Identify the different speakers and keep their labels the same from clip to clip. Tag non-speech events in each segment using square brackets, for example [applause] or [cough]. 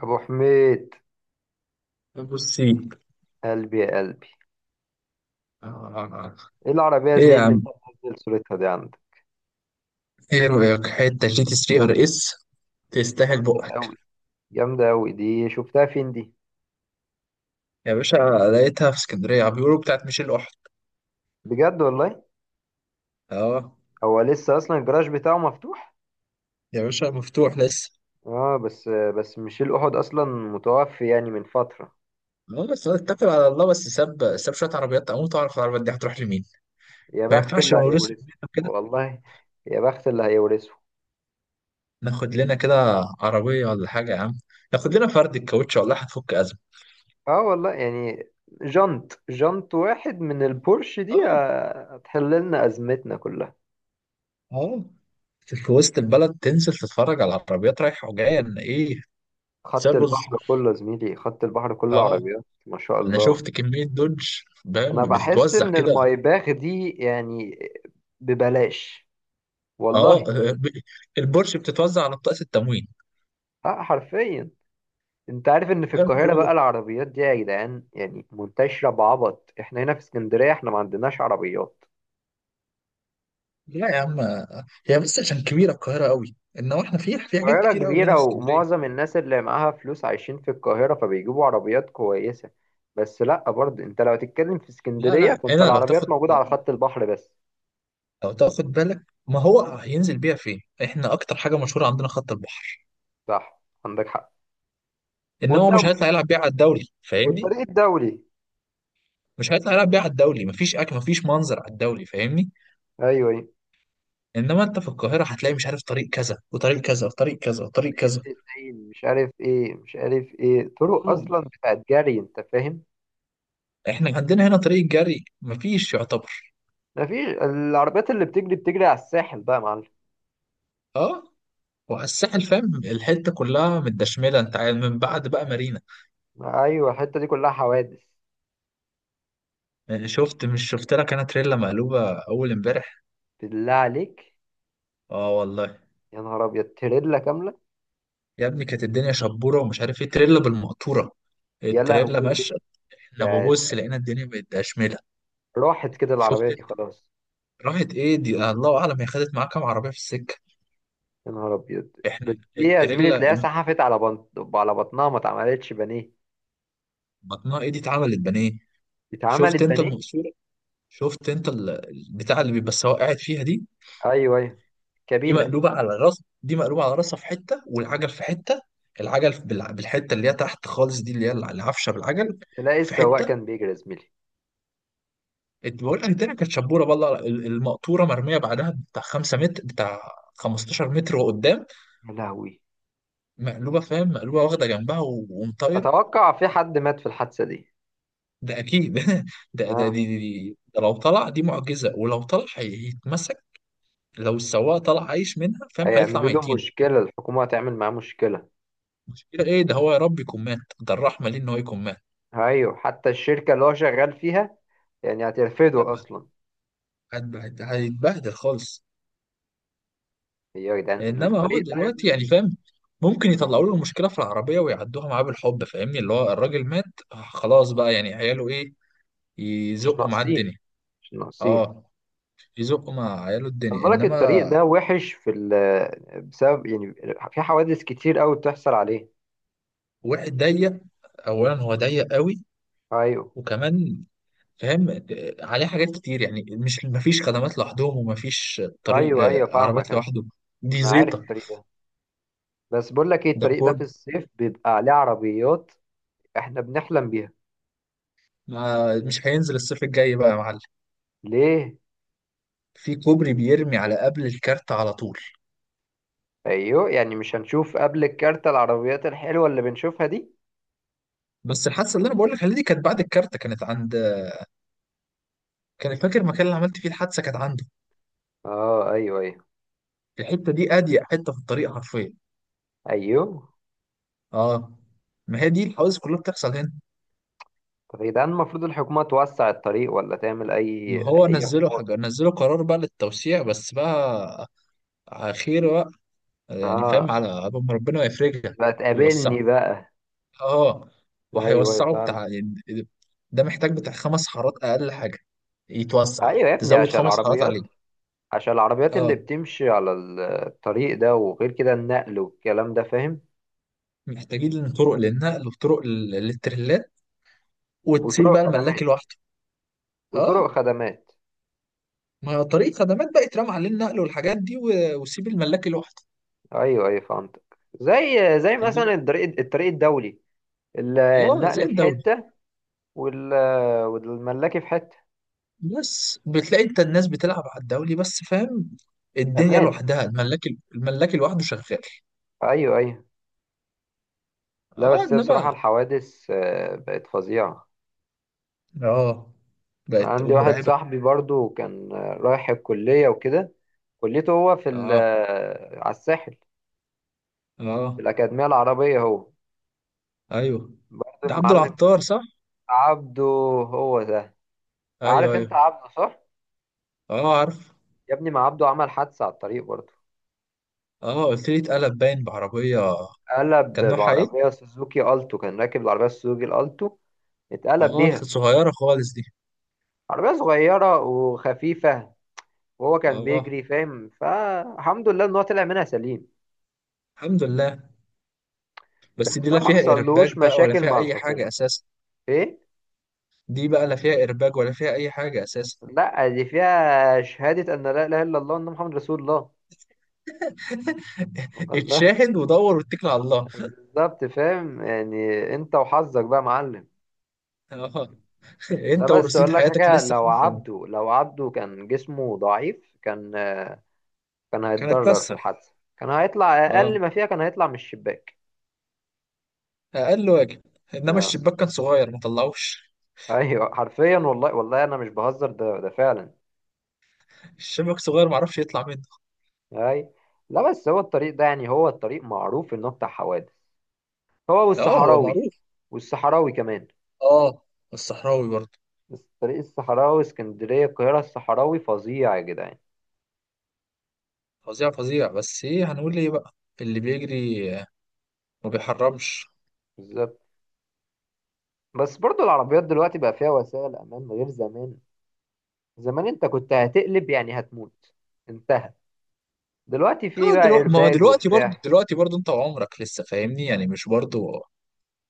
Speaker 1: ابو حميد،
Speaker 2: بصي،
Speaker 1: قلبي يا قلبي.
Speaker 2: آه.
Speaker 1: ايه العربيه يا
Speaker 2: ايه
Speaker 1: زميلي
Speaker 2: يا
Speaker 1: اللي
Speaker 2: عم،
Speaker 1: انت منزل صورتها دي عندك؟
Speaker 2: ايه رأيك حتة جي تي 3 ار اس؟ تستاهل
Speaker 1: جامده
Speaker 2: بقك
Speaker 1: قوي. جامده قوي، دي شفتها فين دي؟
Speaker 2: يا باشا. لقيتها في اسكندرية، عم بيقولوا بتاعت ميشيل أحد.
Speaker 1: بجد والله؟
Speaker 2: اه
Speaker 1: هو لسه اصلا الجراج بتاعه مفتوح؟
Speaker 2: يا باشا، مفتوح لسه.
Speaker 1: اه بس ميشيل احد اصلا متوفي يعني من فتره.
Speaker 2: اه، بس أنا اتكل على الله. بس ساب ساب شوية عربيات، اموت اعرف العربيات دي هتروح لمين.
Speaker 1: يا
Speaker 2: ما
Speaker 1: بخت
Speaker 2: ينفعش
Speaker 1: اللي
Speaker 2: نورث
Speaker 1: هيورثه.
Speaker 2: كده.
Speaker 1: والله، يا بخت اللي هيورثه.
Speaker 2: ناخد لنا كده عربية ولا حاجة يا عم، ناخد لنا فرد الكاوتش والله هتفك أزمة.
Speaker 1: اه والله يعني، جنط، جنط واحد من البورش دي
Speaker 2: اه،
Speaker 1: هتحل لنا ازمتنا كلها.
Speaker 2: اه. في وسط البلد تنزل تتفرج على العربيات رايحة وجاية، إن ايه، زي
Speaker 1: خط
Speaker 2: الرز.
Speaker 1: البحر كله يا زميلي، خط البحر كله
Speaker 2: اه،
Speaker 1: عربيات ما شاء
Speaker 2: انا
Speaker 1: الله.
Speaker 2: شفت كميه دوج، فاهم،
Speaker 1: انا بحس
Speaker 2: بتتوزع
Speaker 1: ان
Speaker 2: كده.
Speaker 1: المايباخ دي يعني ببلاش والله.
Speaker 2: اه. ب- البورش بتتوزع على بطاقه التموين،
Speaker 1: اه حرفيا. انت عارف ان في
Speaker 2: فاهم
Speaker 1: القاهرة
Speaker 2: كله.
Speaker 1: بقى العربيات دي يا جدعان يعني منتشرة بعبط، احنا هنا في اسكندرية احنا ما عندناش عربيات.
Speaker 2: لا يا عم، هي بس عشان كبيره القاهره قوي. انما احنا في حاجات
Speaker 1: القاهرة
Speaker 2: كتير قوي هنا
Speaker 1: كبيرة
Speaker 2: في اسكندريه.
Speaker 1: ومعظم الناس اللي معاها فلوس عايشين في القاهرة فبيجيبوا عربيات كويسة. بس لا برضه انت لو تتكلم في
Speaker 2: لا
Speaker 1: اسكندرية
Speaker 2: لا،
Speaker 1: فانت
Speaker 2: هنا
Speaker 1: العربيات موجودة على خط البحر بس.
Speaker 2: لو تاخد بالك، ما هو هينزل بيها فين؟ احنا اكتر حاجه مشهوره عندنا خط البحر.
Speaker 1: صح، عندك حق.
Speaker 2: انما هو مش
Speaker 1: والدولي،
Speaker 2: هيطلع يلعب بيها على الدوري، فاهمني.
Speaker 1: والطريق الدولي.
Speaker 2: مش هيطلع يلعب بيها على الدوري، مفيش اكل مفيش منظر على الدوري، فاهمني.
Speaker 1: ايوه، أيوة.
Speaker 2: انما انت في القاهره هتلاقي مش عارف طريق كذا وطريق كذا وطريق كذا وطريق
Speaker 1: الزين مش عارف ايه، مش عارف ايه، طرق
Speaker 2: كذا.
Speaker 1: اصلا بتاعت جري انت فاهم.
Speaker 2: احنا عندنا هنا طريق جري مفيش، يعتبر.
Speaker 1: مفيش. العربيات اللي بتجري بتجري على الساحل بقى يا معلم.
Speaker 2: اه. وعلى الساحل فاهم، الحته كلها متدشمله. انت عارف من بعد بقى مارينا،
Speaker 1: ايوه، الحته دي كلها حوادث.
Speaker 2: يعني شفت، مش شفت لك انا تريلا مقلوبه اول امبارح؟
Speaker 1: بالله عليك.
Speaker 2: اه والله.
Speaker 1: يا نهار ابيض، تريلا كامله.
Speaker 2: يا ابني، كانت الدنيا شبوره ومش عارف ايه، تريلا بالمقطوره،
Speaker 1: يا
Speaker 2: التريلا
Speaker 1: لهوي.
Speaker 2: ماشيه. احنا ببص
Speaker 1: ده
Speaker 2: لقينا الدنيا متدشمله.
Speaker 1: راحت كده العربيه
Speaker 2: شفت
Speaker 1: دي
Speaker 2: انت؟
Speaker 1: خلاص.
Speaker 2: راحت ايه دي، الله اعلم هي خدت معاها كام عربيه في السكه.
Speaker 1: يا نهار ابيض. بس
Speaker 2: احنا
Speaker 1: دي يا زميلي
Speaker 2: التريلا
Speaker 1: تلاقيها سحفت على بنط، على بطنها، ما اتعملتش بانيه.
Speaker 2: بطنها ايه؟ دي اتعملت بانيه.
Speaker 1: اتعملت
Speaker 2: شفت انت
Speaker 1: بانيه.
Speaker 2: المقصوره؟ شفت انت البتاع اللي بيبقى السواق قاعد فيها دي؟
Speaker 1: ايوه ايوه.
Speaker 2: دي
Speaker 1: كابينه.
Speaker 2: مقلوبة على الراس، دي مقلوبة على راسها في حتة، والعجل في حتة. العجل بالحتة اللي هي تحت خالص، دي اللي هي العفشة بالعجل
Speaker 1: تلاقي
Speaker 2: في
Speaker 1: السواق
Speaker 2: حتة.
Speaker 1: كان بيجري يا زميلي.
Speaker 2: بقول لك الدنيا كانت شبورة، بالله المقطورة مرمية بعدها بتاع 5 متر، بتاع 15 متر وقدام
Speaker 1: يا لهوي.
Speaker 2: مقلوبة، فاهم، مقلوبة واخدة جنبها ومطايرة.
Speaker 1: اتوقع في حد مات في الحادثه دي.
Speaker 2: ده أكيد. [laughs] ده لو طلع دي معجزة، ولو طلع هيتمسك. لو السواق طلع عايش منها، فاهم، هيطلع
Speaker 1: هيعملوا له
Speaker 2: ميتين.
Speaker 1: مشكلة، الحكومة هتعمل معاه مشكلة.
Speaker 2: مشكلة إيه؟ ده هو يا رب يكون مات، ده الرحمة ليه إن هو يكون
Speaker 1: أيوة، حتى الشركة اللي هو شغال فيها يعني هترفضه
Speaker 2: مات.
Speaker 1: أصلا.
Speaker 2: هيتبهدل خالص.
Speaker 1: يا جدعان
Speaker 2: انما هو
Speaker 1: الطريق ده يا
Speaker 2: دلوقتي يعني
Speaker 1: ابني.
Speaker 2: فاهم، ممكن يطلعوا له المشكله في العربيه ويعدوها معاه بالحب، فاهمني، اللي هو الراجل مات، آه، خلاص بقى يعني، عياله ايه،
Speaker 1: مش
Speaker 2: يزقوا معاه
Speaker 1: ناقصين،
Speaker 2: الدنيا.
Speaker 1: مش ناقصين.
Speaker 2: اه، يزقوا مع عياله
Speaker 1: خلي
Speaker 2: الدنيا،
Speaker 1: بالك
Speaker 2: انما.
Speaker 1: الطريق ده وحش في بسبب يعني في حوادث كتير أوي بتحصل عليه.
Speaker 2: واحد ضيق، اولا هو ضيق قوي،
Speaker 1: أيوة،
Speaker 2: وكمان فاهم، عليه حاجات كتير، يعني مش مفيش خدمات لوحدهم ومفيش طريق
Speaker 1: أيوة، أيوة، فاهمك
Speaker 2: لعربيات
Speaker 1: أنا.
Speaker 2: لوحده. دي
Speaker 1: أنا عارف
Speaker 2: زيطه.
Speaker 1: الطريق ده. بس بقول لك إيه،
Speaker 2: ده
Speaker 1: الطريق ده
Speaker 2: كود.
Speaker 1: في الصيف بيبقى عليه عربيات إحنا بنحلم بيها.
Speaker 2: مش هينزل الصيف الجاي بقى يا معلم.
Speaker 1: ليه؟
Speaker 2: في كوبري بيرمي على قبل الكارت على طول.
Speaker 1: أيوة، يعني مش هنشوف قبل الكارتة العربيات الحلوة اللي بنشوفها دي.
Speaker 2: بس الحادثه اللي انا بقول لك عليها دي كانت بعد الكارت، كانت عند، كان فاكر المكان اللي عملت فيه الحادثه كانت عنده.
Speaker 1: اه، ايوه، ايوه،
Speaker 2: الحته دي اضيق حته في الطريق حرفيا.
Speaker 1: ايوه.
Speaker 2: اه، ما هي دي الحوادث كلها بتحصل هنا.
Speaker 1: طب يا جدعان المفروض الحكومة توسع الطريق ولا تعمل اي،
Speaker 2: ما هو
Speaker 1: اي
Speaker 2: نزلوا
Speaker 1: حوار.
Speaker 2: حاجه، نزلوا قرار بقى للتوسيع، بس بقى على خير بقى، يعني فاهم،
Speaker 1: اه،
Speaker 2: على قبل ما ربنا يفرجها
Speaker 1: بقى تقابلني
Speaker 2: ويوسعها.
Speaker 1: بقى.
Speaker 2: اه،
Speaker 1: ايوه، أيوة،
Speaker 2: وهيوسعوا
Speaker 1: فهمت.
Speaker 2: بتاع يعني. ده محتاج بتاع 5 حارات اقل حاجه، يتوسع يعني.
Speaker 1: ايوه يا ابني،
Speaker 2: تزود
Speaker 1: عشان
Speaker 2: 5 حارات عليه.
Speaker 1: العربيات عشان العربيات اللي
Speaker 2: اه،
Speaker 1: بتمشي على الطريق ده، وغير كده النقل والكلام ده فاهم.
Speaker 2: محتاجين طرق للنقل وطرق للتريلات، وتسيب بقى
Speaker 1: وطرق
Speaker 2: الملاك
Speaker 1: خدمات،
Speaker 2: لوحده.
Speaker 1: وطرق
Speaker 2: اه،
Speaker 1: خدمات.
Speaker 2: ما طريق خدمات بقى يترمى عليه النقل والحاجات دي، وسيب الملاك لوحده.
Speaker 1: ايوه ايوه فهمت. زي
Speaker 2: إنما-
Speaker 1: مثلا الطريق الدولي.
Speaker 2: اه، زي
Speaker 1: النقل في
Speaker 2: الدولي.
Speaker 1: حتة، والملاكي في حتة.
Speaker 2: بس بتلاقي انت الناس بتلعب على الدولي بس، فاهم. الدنيا
Speaker 1: امان.
Speaker 2: لوحدها الملاك، الملاك لوحده شغال.
Speaker 1: ايوه ايوه. لا
Speaker 2: اه،
Speaker 1: بس هي بصراحة
Speaker 2: انما.
Speaker 1: الحوادث بقت فظيعة.
Speaker 2: اه،
Speaker 1: أنا
Speaker 2: بقت
Speaker 1: عندي واحد
Speaker 2: مرعبة.
Speaker 1: صاحبي برضو كان رايح الكلية وكده. كليته هو في
Speaker 2: اه،
Speaker 1: على الساحل، في
Speaker 2: اه،
Speaker 1: الأكاديمية العربية هو.
Speaker 2: ايوه.
Speaker 1: برضو
Speaker 2: ده عبد
Speaker 1: المعلم
Speaker 2: العطار، صح؟
Speaker 1: عبده. هو ده.
Speaker 2: ايوه،
Speaker 1: عارف أنت
Speaker 2: ايوه.
Speaker 1: عبده، صح؟
Speaker 2: اه عارف.
Speaker 1: يا ابني ما عبده عمل حادثة على الطريق برضو.
Speaker 2: اه، قلت لي اتقلب باين بعربية.
Speaker 1: قلب
Speaker 2: كان نوعها ايه؟
Speaker 1: بعربية سوزوكي ألتو، كان راكب العربية سوزوكي الألتو. اتقلب
Speaker 2: اه،
Speaker 1: بيها.
Speaker 2: صغيرة خالص دي.
Speaker 1: عربية صغيرة وخفيفة. وهو كان
Speaker 2: اه،
Speaker 1: بيجري فاهم، فالحمد لله إن هو طلع منها سليم.
Speaker 2: الحمد لله.
Speaker 1: بس
Speaker 2: بس دي
Speaker 1: ده
Speaker 2: لا
Speaker 1: ما
Speaker 2: فيها ايرباج
Speaker 1: حصلوش
Speaker 2: بقى ولا
Speaker 1: مشاكل مع
Speaker 2: فيها اي حاجة
Speaker 1: الحكومة.
Speaker 2: اساسا.
Speaker 1: ايه.
Speaker 2: دي بقى لا فيها ايرباج ولا فيها اي حاجة اساسا.
Speaker 1: لا دي فيها شهادة ان لا اله الا الله وان محمد رسول الله. الله.
Speaker 2: اتشاهد ودور واتكل على الله.
Speaker 1: [laughs] بالظبط، فاهم يعني. انت وحظك بقى يا معلم.
Speaker 2: اه. [laughs]
Speaker 1: لا
Speaker 2: انت
Speaker 1: بس
Speaker 2: ورصيد
Speaker 1: اقول لك
Speaker 2: حياتك
Speaker 1: حاجة،
Speaker 2: لسه في
Speaker 1: لو
Speaker 2: الفيلم.
Speaker 1: عبده لو عبده كان جسمه ضعيف، كان
Speaker 2: كانت
Speaker 1: هيتضرر في
Speaker 2: تكسر،
Speaker 1: الحادثة، كان هيطلع
Speaker 2: اه،
Speaker 1: اقل ما فيها، كان هيطلع من الشباك.
Speaker 2: اقل واجب. انما
Speaker 1: آه.
Speaker 2: الشباك كان صغير ما طلعوش،
Speaker 1: ايوه حرفيا، والله والله انا مش بهزر، ده فعلا.
Speaker 2: الشباك صغير ما عرفش يطلع منه.
Speaker 1: اي. لا بس هو الطريق ده يعني، هو الطريق معروف انه بتاع حوادث. هو
Speaker 2: اه هو
Speaker 1: والصحراوي.
Speaker 2: معروف.
Speaker 1: والصحراوي كمان.
Speaker 2: اه، الصحراوي برضه
Speaker 1: بس طريق الصحراوي، اسكندرية القاهرة، الصحراوي فظيع يا جدعان.
Speaker 2: فظيع فظيع. بس ايه هنقول ايه بقى، اللي بيجري ما بيحرمش.
Speaker 1: بالظبط. بس برضو العربيات دلوقتي بقى فيها وسائل أمان غير زمان. زمان أنت كنت هتقلب يعني هتموت. انتهى. دلوقتي في
Speaker 2: اه،
Speaker 1: بقى
Speaker 2: دلوقتي ما هو
Speaker 1: إيرباج
Speaker 2: دلوقتي برضه
Speaker 1: وبتاع.
Speaker 2: دلوقتي برضه، انت وعمرك لسه فاهمني، يعني مش برضه،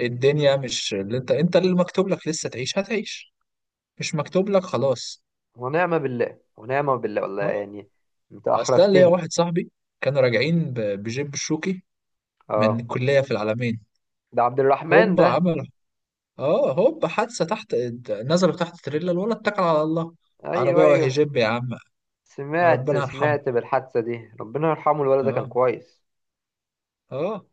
Speaker 2: الدنيا مش اللي انت اللي مكتوب لك لسه تعيش هتعيش، مش مكتوب لك خلاص.
Speaker 1: ونعمة بالله، ونعمة بالله والله
Speaker 2: اه.
Speaker 1: يعني. أنت
Speaker 2: اصل انا ليا
Speaker 1: أحرجتني.
Speaker 2: واحد صاحبي، كانوا راجعين بجيب الشوكي من
Speaker 1: أه.
Speaker 2: الكلية في العلمين،
Speaker 1: ده عبد الرحمن
Speaker 2: هوب
Speaker 1: ده.
Speaker 2: عمل، اه، هوب حادثة تحت. نزلوا تحت تريلا، الولد اتكل على الله،
Speaker 1: أيوه
Speaker 2: عربية وهي
Speaker 1: أيوه.
Speaker 2: جيب يا عم.
Speaker 1: سمعت،
Speaker 2: ربنا يرحمه.
Speaker 1: سمعت بالحادثة دي، ربنا يرحمه، الولد ده كان
Speaker 2: اه،
Speaker 1: كويس.
Speaker 2: اه.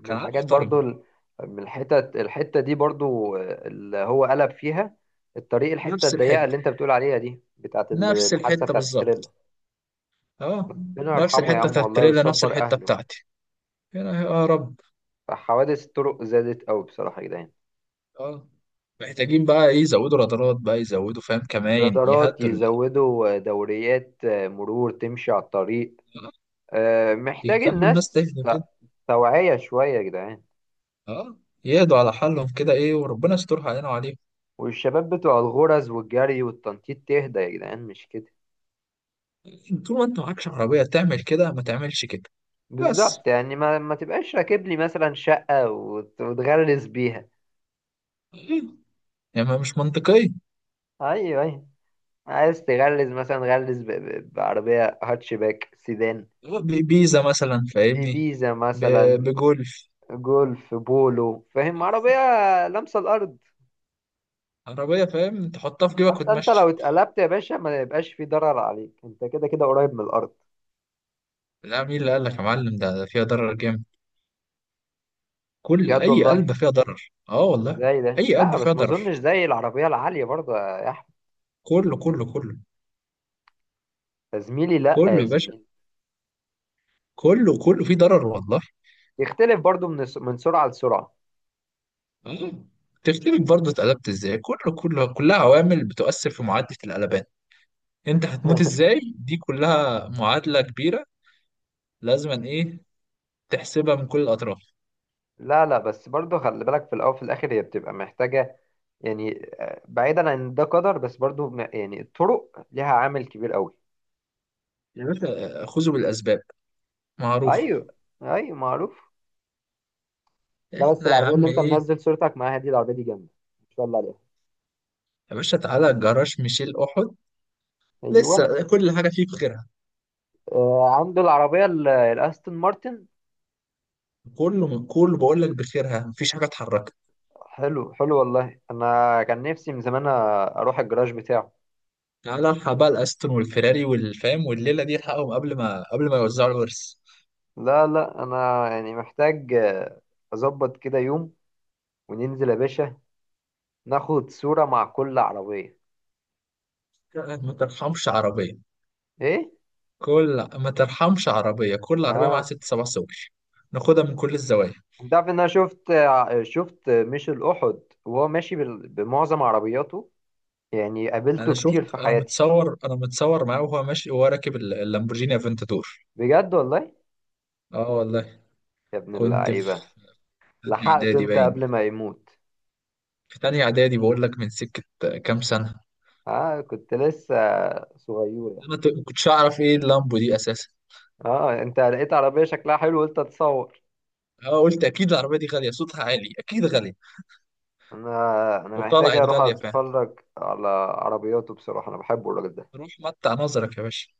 Speaker 1: من
Speaker 2: كان
Speaker 1: الحاجات
Speaker 2: عارف
Speaker 1: برضو
Speaker 2: طرنه.
Speaker 1: من الحتة دي برضو اللي هو قلب فيها. الطريق، الحتة
Speaker 2: نفس
Speaker 1: الضيقة اللي
Speaker 2: الحتة،
Speaker 1: انت بتقول عليها دي بتاعت
Speaker 2: نفس
Speaker 1: الحادثة
Speaker 2: الحتة
Speaker 1: بتاعت التريلا.
Speaker 2: بالظبط. اه،
Speaker 1: ربنا
Speaker 2: نفس
Speaker 1: يرحمه يا
Speaker 2: الحته
Speaker 1: عم
Speaker 2: بتاعت
Speaker 1: والله،
Speaker 2: التريلا نفس
Speaker 1: ويصبر
Speaker 2: الحته
Speaker 1: أهله.
Speaker 2: بتاعتي، هنا يا رب.
Speaker 1: فحوادث الطرق زادت أوي بصراحة يا جدعان.
Speaker 2: اه، محتاجين بقى ايه، يزودوا رادارات بقى، يزودوا فاهم كمان،
Speaker 1: رادارات،
Speaker 2: يهدوا ال-
Speaker 1: يزودوا دوريات مرور تمشي على الطريق.
Speaker 2: آه،
Speaker 1: محتاج
Speaker 2: يخلوا الناس
Speaker 1: الناس
Speaker 2: تهدى كده.
Speaker 1: توعية شوية يا جدعان.
Speaker 2: اه، يهدوا على حالهم كده ايه، وربنا يسترها علينا وعليهم.
Speaker 1: والشباب بتوع الغرز والجري والتنطيط تهدى يا جدعان، مش كده؟
Speaker 2: طول ما انت معكش عربيه تعمل كده، ما تعملش كده. بس
Speaker 1: بالظبط، يعني ما تبقاش راكب لي مثلا شقة وتغلس بيها.
Speaker 2: إيه؟ يعني ما مش منطقيه.
Speaker 1: ايوه ايوه. عايز تغلس مثلا، غلس بعربية هاتشباك سيدان.
Speaker 2: بيزا مثلا فاهمني،
Speaker 1: إبيزا مثلا.
Speaker 2: بجولف.
Speaker 1: جولف، بولو، فاهم؟ عربية لامسة الأرض.
Speaker 2: عربيه فاهم تحطها في جيبك
Speaker 1: حتى أنت لو
Speaker 2: وتمشي.
Speaker 1: اتقلبت يا باشا ما يبقاش في ضرر عليك، أنت كده كده قريب من الأرض.
Speaker 2: لا، مين اللي قال لك يا معلم؟ ده فيها ضرر جامد. كل
Speaker 1: بجد
Speaker 2: اي
Speaker 1: والله.
Speaker 2: علبه فيها ضرر، اه والله.
Speaker 1: ازاي ده؟
Speaker 2: اي علبه
Speaker 1: لا
Speaker 2: فيها
Speaker 1: بس ما
Speaker 2: ضرر،
Speaker 1: أظنش زي العربية العالية برضه يا أحمد.
Speaker 2: كله كله كله،
Speaker 1: يا زميلي، لا
Speaker 2: كله
Speaker 1: يا
Speaker 2: يا باشا،
Speaker 1: زميلي.
Speaker 2: كله كله فيه ضرر والله.
Speaker 1: يختلف برضه من من سرعة لسرعة.
Speaker 2: آه. تفتكر برضه اتقلبت ازاي؟ كله كله كلها عوامل بتؤثر في معادله القلبان. انت هتموت
Speaker 1: [laughs]
Speaker 2: ازاي، دي كلها معادله كبيره، لازم ايه، تحسبها من كل الاطراف.
Speaker 1: لا لا، بس برضه خلي بالك، في الاول وفي الاخر هي بتبقى محتاجه. يعني بعيدا عن ده قدر، بس برضه يعني الطرق ليها عامل كبير قوي.
Speaker 2: يا باشا، خذوا بالاسباب، معروف.
Speaker 1: ايوه ايوه معروف. لا بس
Speaker 2: احنا يا
Speaker 1: العربيه اللي
Speaker 2: عم
Speaker 1: انت
Speaker 2: ايه،
Speaker 1: منزل صورتك معاها دي، العربيه دي جامده ما شاء الله عليها.
Speaker 2: يا باشا، تعالى جراج ميشيل احد،
Speaker 1: ايوه.
Speaker 2: لسه كل حاجه فيه بخيرها.
Speaker 1: آه، عنده العربيه الاستون مارتن.
Speaker 2: كله كله بقول لك بخيرها، مفيش حاجه اتحركت.
Speaker 1: حلو حلو، والله انا كان نفسي من زمان اروح الجراج بتاعه.
Speaker 2: تعالى الحق بقى الاستون والفيراري والفام والليله دي، الحقهم قبل ما يوزعوا الورث.
Speaker 1: لا لا، انا يعني محتاج اظبط كده يوم وننزل يا باشا، ناخد صوره مع كل عربيه.
Speaker 2: ما ترحمش عربيه،
Speaker 1: ايه؟
Speaker 2: كل ما ترحمش عربيه، كل عربيه معاها
Speaker 1: اه
Speaker 2: ست سبع سواق، ناخدها من كل الزوايا.
Speaker 1: انت عارف ان انا شفت شفت ميشيل احد وهو ماشي بمعظم عربياته، يعني قابلته كتير في حياتي.
Speaker 2: انا متصور معاه، وهو ماشي وهو راكب اللامبورجيني افنتادور.
Speaker 1: بجد والله؟
Speaker 2: اه والله.
Speaker 1: يا ابن
Speaker 2: كنت في
Speaker 1: اللعيبه.
Speaker 2: تانية
Speaker 1: لحقته
Speaker 2: اعدادي
Speaker 1: انت
Speaker 2: باين،
Speaker 1: قبل ما يموت.
Speaker 2: في تانية اعدادي بقول لك، من سكه كام سنه.
Speaker 1: اه، كنت لسه صغيره.
Speaker 2: انا ما كنتش اعرف ايه اللامبو دي اساسا.
Speaker 1: اه انت لقيت عربيه شكلها حلو قلت اتصور.
Speaker 2: اه، قلت اكيد العربيه دي غاليه، صوتها عالي اكيد غاليه.
Speaker 1: انا انا محتاج
Speaker 2: وطلعت
Speaker 1: اروح
Speaker 2: غاليه فعلا.
Speaker 1: اتفرج على عربياته، بصراحه انا بحبه الراجل ده.
Speaker 2: روح متع نظرك يا باشا.